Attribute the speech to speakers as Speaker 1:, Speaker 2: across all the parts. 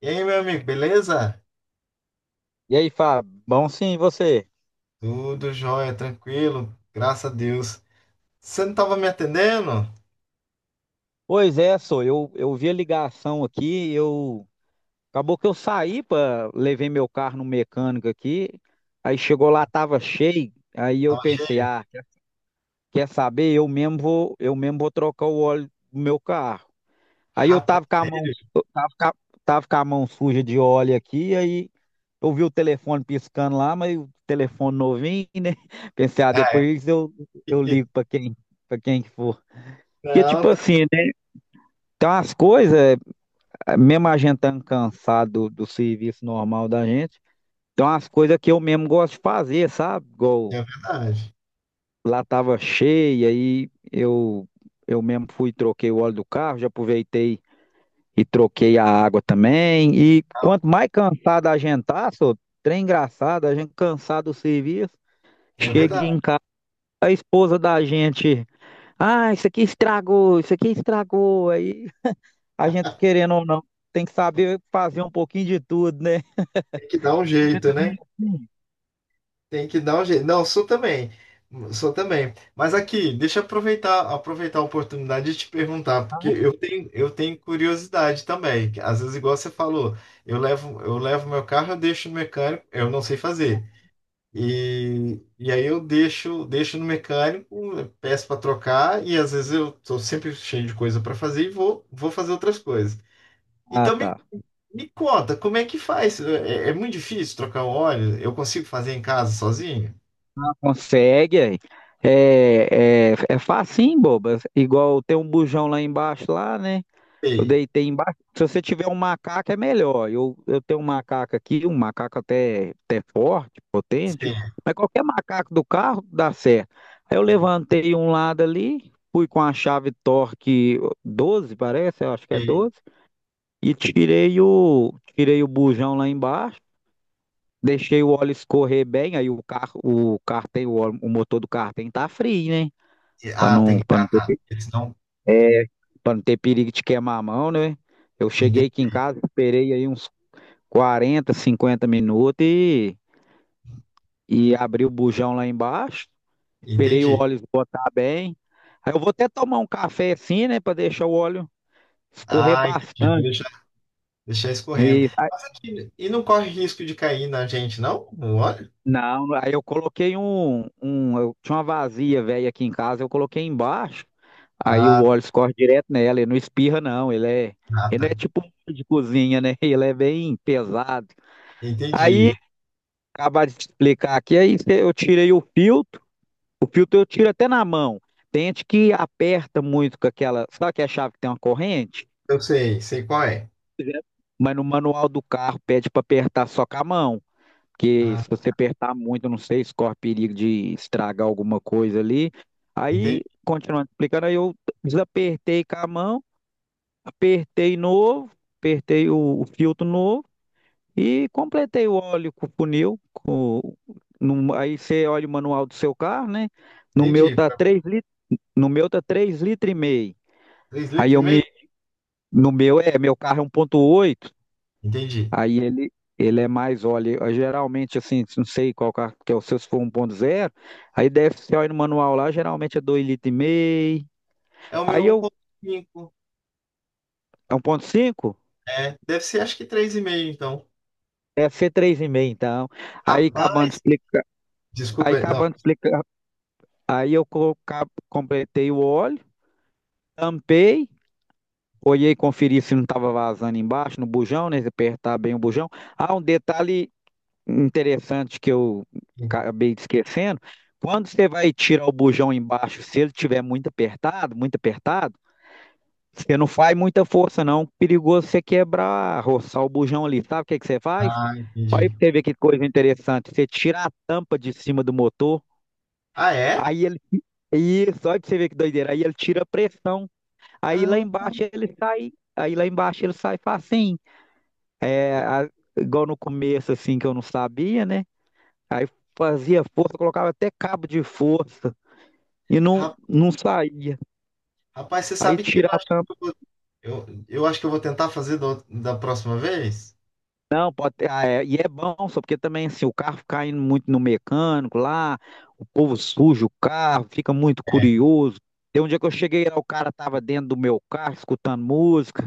Speaker 1: E aí, meu amigo, beleza?
Speaker 2: E aí, Fábio? Bom, sim, e você?
Speaker 1: Tudo jóia, tranquilo, graças a Deus. Você não tava me atendendo?
Speaker 2: Pois é, sou eu vi a ligação aqui, eu acabou que eu saí para levei meu carro no mecânico aqui, aí chegou lá tava cheio, aí eu
Speaker 1: Tava...
Speaker 2: pensei, ah, quer saber? Eu mesmo vou trocar o óleo do meu carro. Aí
Speaker 1: Rapaz, sério?
Speaker 2: eu tava com a mão suja de óleo aqui, aí eu vi o telefone piscando lá, mas o telefone novinho, né? Pensei, ah,
Speaker 1: Ah, é.
Speaker 2: depois eu eu ligo para quem, para quem que for. Que
Speaker 1: Não,
Speaker 2: tipo assim, então, as coisas, mesmo a gente estando cansado do serviço normal da gente, então as coisas que eu mesmo gosto de fazer, sabe? Igual
Speaker 1: é verdade.
Speaker 2: lá tava cheia e eu mesmo fui e troquei o óleo do carro, já aproveitei e troquei a água também. E quanto mais cansado a gente tá, só, trem engraçado, a gente cansado do serviço,
Speaker 1: É
Speaker 2: chega
Speaker 1: verdade.
Speaker 2: em casa, a esposa da gente, ah, isso aqui estragou, aí a gente querendo ou não, tem que saber fazer um pouquinho de tudo, né?
Speaker 1: Tem que dar um jeito, né? Tem que dar um jeito. Não, sou também. Sou também. Mas aqui, deixa eu aproveitar a oportunidade de te perguntar, porque eu tenho curiosidade também. Às vezes, igual você falou, eu levo meu carro, eu deixo no mecânico, eu não sei fazer. E aí deixo no mecânico, peço para trocar e às vezes eu estou sempre cheio de coisa para fazer e vou fazer outras coisas.
Speaker 2: Ah,
Speaker 1: Então
Speaker 2: tá.
Speaker 1: me conta, como é que faz? É muito difícil trocar o óleo? Eu consigo fazer em casa sozinho?
Speaker 2: Consegue aí. É facinho, boba. Igual tem um bujão lá embaixo, lá, né? Eu
Speaker 1: Sei,
Speaker 2: deitei embaixo. Se você tiver um macaco, é melhor. Eu tenho um macaco aqui, um macaco até forte, potente,
Speaker 1: sei,
Speaker 2: mas qualquer macaco do carro dá certo. Aí eu levantei um lado ali, fui com a chave torque 12, parece, eu acho que é
Speaker 1: sei.
Speaker 2: 12. E tirei o bujão lá embaixo, deixei o óleo escorrer bem, aí o carro, o cartem, o, óleo- o motor do carro cartem tá frio, né? para
Speaker 1: Ah,
Speaker 2: não,
Speaker 1: tem.
Speaker 2: para não
Speaker 1: Ah, tá.
Speaker 2: ter,
Speaker 1: Eles não.
Speaker 2: é, para não ter perigo de queimar a mão, né? Eu cheguei aqui
Speaker 1: Entendi.
Speaker 2: em casa, esperei aí uns 40, 50 minutos e abri o bujão lá embaixo, esperei o
Speaker 1: Entendi.
Speaker 2: óleo esgotar bem. Aí eu vou até tomar um café assim, né, para deixar o óleo escorrer
Speaker 1: Ah, entendi. Vou
Speaker 2: bastante.
Speaker 1: deixar escorrendo. Mas aqui, e não corre risco de cair na gente, não? O óleo?
Speaker 2: Não, aí eu coloquei eu tinha uma vazia velha aqui em casa, eu coloquei embaixo, aí o
Speaker 1: Ah,
Speaker 2: óleo escorre direto nela, ele não espirra não,
Speaker 1: tá.
Speaker 2: ele não é
Speaker 1: Tá.
Speaker 2: tipo um molho de cozinha, né? Ele é bem pesado. Aí,
Speaker 1: Entendi.
Speaker 2: acabar de te explicar aqui, eu tirei o filtro eu tiro até na mão. Tem gente que aperta muito com aquela, sabe que a chave que tem uma corrente?
Speaker 1: Eu sei qual é.
Speaker 2: Mas no manual do carro pede para apertar só com a mão. Porque
Speaker 1: Ah,
Speaker 2: se você apertar muito, não sei, se corre perigo de estragar alguma coisa ali. Aí,
Speaker 1: entendi,
Speaker 2: continuando explicando, aí eu desapertei com a mão, apertei novo, apertei o filtro novo e completei o óleo com o funil. Com, no- Aí você olha o manual do seu carro, né? No meu
Speaker 1: entendi.
Speaker 2: tá 3 litros, no meu tá 3,5 litros.
Speaker 1: Três
Speaker 2: Aí
Speaker 1: litros
Speaker 2: eu
Speaker 1: e
Speaker 2: me,
Speaker 1: meio?
Speaker 2: no meu é, meu carro é 1,8.
Speaker 1: Entendi.
Speaker 2: Aí ele é mais, olha, eu geralmente assim, não sei qual carro que é o seu, se for 1,0 aí deve ser olha no manual lá, geralmente é 2,5 litros.
Speaker 1: É o meu
Speaker 2: Aí
Speaker 1: um
Speaker 2: eu,
Speaker 1: ponto cinco.
Speaker 2: é 1,5.
Speaker 1: É, deve ser acho que 3,5 então.
Speaker 2: Deve ser 3,5 então. Aí acabando de
Speaker 1: Rapaz,
Speaker 2: explicar, aí
Speaker 1: desculpa, não.
Speaker 2: acabando de explicar, completei o óleo, tampei, olhei, conferi se não estava vazando embaixo, no bujão, né, se apertar bem o bujão. Ah, um detalhe interessante que eu acabei esquecendo, quando você vai tirar o bujão embaixo, se ele tiver muito apertado, você não faz muita força não, perigoso você quebrar, roçar o bujão ali, sabe o que que você faz?
Speaker 1: Ah,
Speaker 2: Olha
Speaker 1: entendi.
Speaker 2: pra você ver que coisa interessante, você tira a tampa de cima do motor,
Speaker 1: Ah, é?
Speaker 2: aí ele, isso, olha pra você ver que doideira, aí ele tira a pressão, aí lá
Speaker 1: Ah,
Speaker 2: embaixo ele sai, aí lá embaixo ele sai facinho, é, a- igual no começo assim que eu não sabia, né? Aí fazia força, colocava até cabo de força e não,
Speaker 1: ra-
Speaker 2: não saía.
Speaker 1: rapaz, você
Speaker 2: Aí
Speaker 1: sabe que eu
Speaker 2: tirar
Speaker 1: acho
Speaker 2: tam-
Speaker 1: que eu vou tentar fazer da próxima vez?
Speaker 2: não, pode ter, e é bom, só porque também assim, o carro fica indo muito no mecânico lá, o povo suja o carro, fica muito
Speaker 1: É.
Speaker 2: curioso. Tem um dia que eu cheguei lá, o cara tava dentro do meu carro escutando música.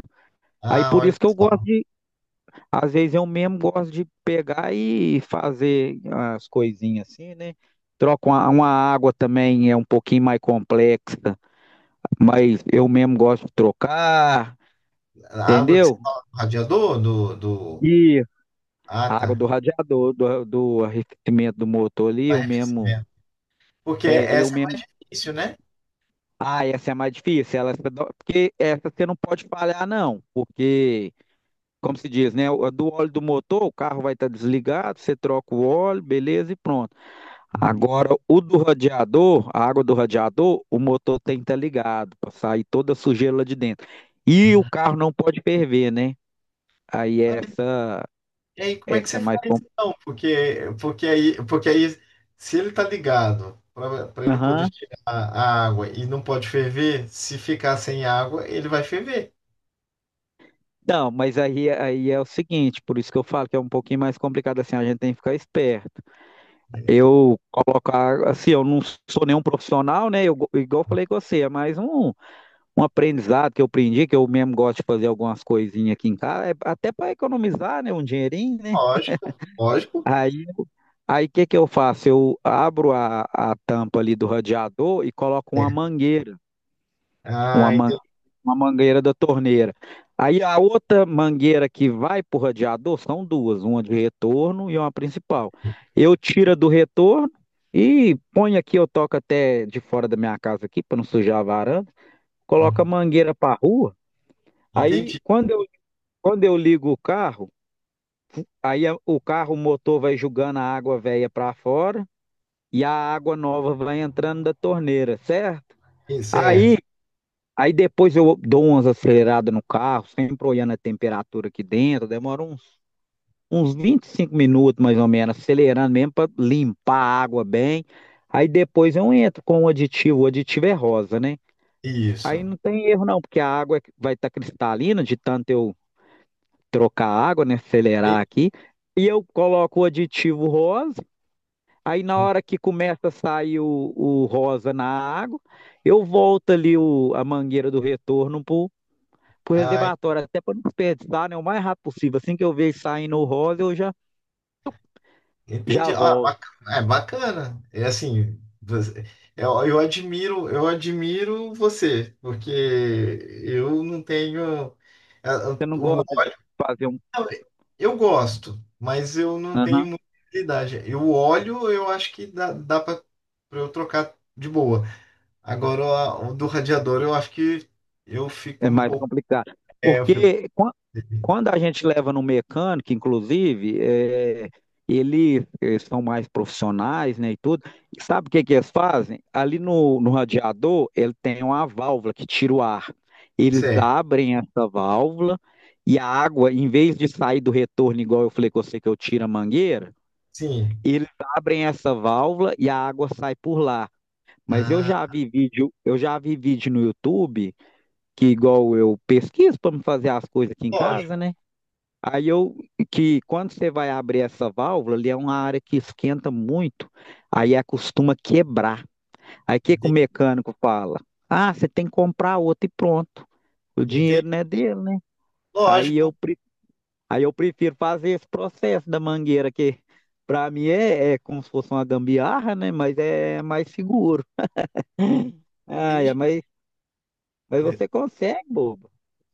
Speaker 2: Aí
Speaker 1: Ah,
Speaker 2: por
Speaker 1: olha
Speaker 2: isso que eu gosto
Speaker 1: só.
Speaker 2: de, às vezes eu mesmo gosto de pegar e fazer as coisinhas assim, né? Troco uma água também, é um pouquinho mais complexa, mas eu mesmo gosto de trocar,
Speaker 1: A água que você
Speaker 2: entendeu?
Speaker 1: fala do radiador, do...
Speaker 2: E
Speaker 1: Ah,
Speaker 2: a água do
Speaker 1: tá.
Speaker 2: radiador, do arrefecimento do motor ali, eu mesmo,
Speaker 1: Arrefecimento. Porque
Speaker 2: é, eu
Speaker 1: essa é o
Speaker 2: mesmo,
Speaker 1: início, né?
Speaker 2: ah, essa é a mais difícil, ela, porque essa você não pode falhar não, porque, como se diz, né, o- do óleo do motor, o carro vai estar desligado, você troca o óleo, beleza, e pronto. Agora, o do radiador, a água do radiador, o motor tem que estar ligado, para sair toda a sujeira lá de dentro. E o carro não pode ferver, né? Aí essa
Speaker 1: E aí, como é que
Speaker 2: Essa é
Speaker 1: você
Speaker 2: mais
Speaker 1: faz então? Porque aí, se ele tá ligado para ele poder
Speaker 2: complicada.
Speaker 1: tirar a água e não pode ferver, se ficar sem água, ele vai ferver.
Speaker 2: Não, mas aí, aí é o seguinte, por isso que eu falo que é um pouquinho mais complicado assim, a gente tem que ficar esperto. Eu colocar, assim, eu não sou nenhum profissional, né? Eu, igual eu falei com você, é mais um aprendizado que eu aprendi, que eu mesmo gosto de fazer algumas coisinhas aqui em casa, é até para economizar, né? Um dinheirinho, né?
Speaker 1: Lógico, lógico.
Speaker 2: Aí Aí o que que eu faço? Eu abro a tampa ali do radiador e coloco uma
Speaker 1: É.
Speaker 2: mangueira.
Speaker 1: Ah,
Speaker 2: uma, man-
Speaker 1: entendi.
Speaker 2: uma mangueira da torneira. Aí a outra mangueira que vai para o radiador são duas, uma de retorno e uma principal. Eu tiro a do retorno e ponho aqui, eu toco até de fora da minha casa aqui para não sujar a varanda, coloco a mangueira para a rua. Aí
Speaker 1: Entendi.
Speaker 2: quando eu, quando eu ligo o carro, o motor vai jogando a água velha para fora e a água nova vai entrando da torneira, certo?
Speaker 1: Certo.
Speaker 2: Aí Aí depois eu dou umas aceleradas no carro, sempre olhando a temperatura aqui dentro, demora uns, uns 25 minutos mais ou menos, acelerando mesmo para limpar a água bem. Aí depois eu entro com o aditivo é rosa, né? Aí
Speaker 1: Isso.
Speaker 2: não tem erro não, porque a água vai estar cristalina de tanto eu trocar a água, né? Acelerar aqui. E eu coloco o aditivo rosa, aí na
Speaker 1: Entendi.
Speaker 2: hora que começa a sair o rosa na água, eu volto ali o, a mangueira do retorno para pro
Speaker 1: Ah,
Speaker 2: reservatório, até para não desperdiçar, né? O mais rápido possível. Assim que eu vejo saindo o rosa,
Speaker 1: entendi.
Speaker 2: já
Speaker 1: Ah,
Speaker 2: volto.
Speaker 1: bacana. É bacana. Eu admiro você, porque eu não tenho.
Speaker 2: Você não gosta de fazer um.
Speaker 1: Não, eu gosto, mas eu não tenho
Speaker 2: Aham,
Speaker 1: muita habilidade. Eu olho, eu acho que dá para eu trocar de boa. Agora, o do radiador, eu acho que eu fico
Speaker 2: é
Speaker 1: um
Speaker 2: mais
Speaker 1: pouco.
Speaker 2: complicado.
Speaker 1: É, eu fico.
Speaker 2: Porque quando a gente leva no mecânico, inclusive, é, eles são mais profissionais, né, e tudo. E sabe o que que eles fazem? Ali no, no radiador, ele tem uma válvula que tira o ar. Eles
Speaker 1: Certo,
Speaker 2: abrem essa válvula e a água, em vez de sair do retorno, igual eu falei com você que eu tiro a mangueira,
Speaker 1: sim.
Speaker 2: eles abrem essa válvula e a água sai por lá. Mas
Speaker 1: Ah,
Speaker 2: eu já vi vídeo no YouTube, que igual eu pesquiso para me fazer as coisas aqui em casa,
Speaker 1: lógico.
Speaker 2: né? Aí eu que quando você vai abrir essa válvula, ali é uma área que esquenta muito, aí é, costuma quebrar. Aí o que que o
Speaker 1: Entendi.
Speaker 2: mecânico fala? Ah, você tem que comprar outra e pronto. O
Speaker 1: Entendi.
Speaker 2: dinheiro não é dele, né? Aí
Speaker 1: Lógico,
Speaker 2: eu Aí eu prefiro fazer esse processo da mangueira, que para mim é, é como se fosse uma gambiarra, né? Mas é mais seguro. Ah, é,
Speaker 1: entendi.
Speaker 2: mas, você consegue, bobo.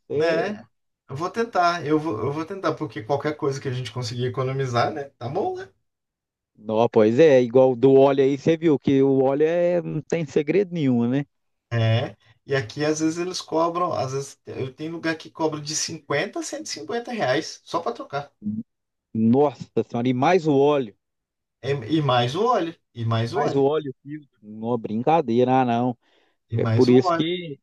Speaker 2: Você...
Speaker 1: Né? Eu vou tentar, porque qualquer coisa que a gente conseguir economizar, né? Tá bom, né?
Speaker 2: Não, pois é, igual do óleo aí, você viu que o óleo é, não tem segredo nenhum, né?
Speaker 1: É, e aqui às vezes eles cobram, às vezes eu tenho lugar que cobra de 50 a R$ 150 só para trocar.
Speaker 2: Nossa senhora, e
Speaker 1: É, e mais o óleo, e mais o
Speaker 2: mais
Speaker 1: óleo,
Speaker 2: o óleo, filtro. Não, brincadeira, ah, não.
Speaker 1: e
Speaker 2: É por
Speaker 1: mais o
Speaker 2: isso
Speaker 1: óleo.
Speaker 2: que,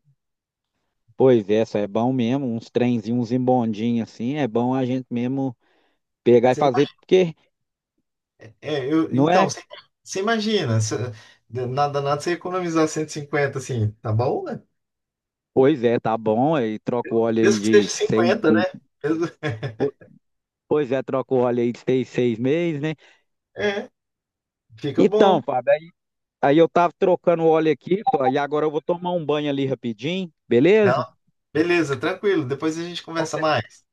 Speaker 2: pois é, isso é bom mesmo, uns trenzinhos, uns embondinhos assim, é bom a gente mesmo pegar e
Speaker 1: Você
Speaker 2: fazer,
Speaker 1: ima-
Speaker 2: porque
Speaker 1: é, eu,
Speaker 2: não
Speaker 1: então,
Speaker 2: é.
Speaker 1: você, você imagina, nada, nada você economizar 150 assim, tá bom, né?
Speaker 2: Pois é, tá bom. Aí troca o óleo aí
Speaker 1: Mesmo que seja
Speaker 2: de seis.
Speaker 1: 50, né? Mesmo-
Speaker 2: po- Pois é, troca o óleo aí de seis, 6 meses, né?
Speaker 1: é, fica bom.
Speaker 2: Então, Fábio, aí, aí eu tava trocando o óleo aqui, só, e agora eu vou tomar um banho ali rapidinho,
Speaker 1: Não,
Speaker 2: beleza?
Speaker 1: beleza, tranquilo. Depois a gente conversa
Speaker 2: Qualquer-
Speaker 1: mais.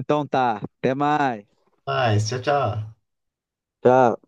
Speaker 2: Então tá, até mais.
Speaker 1: Mais, tchau, tchau.
Speaker 2: Tchau.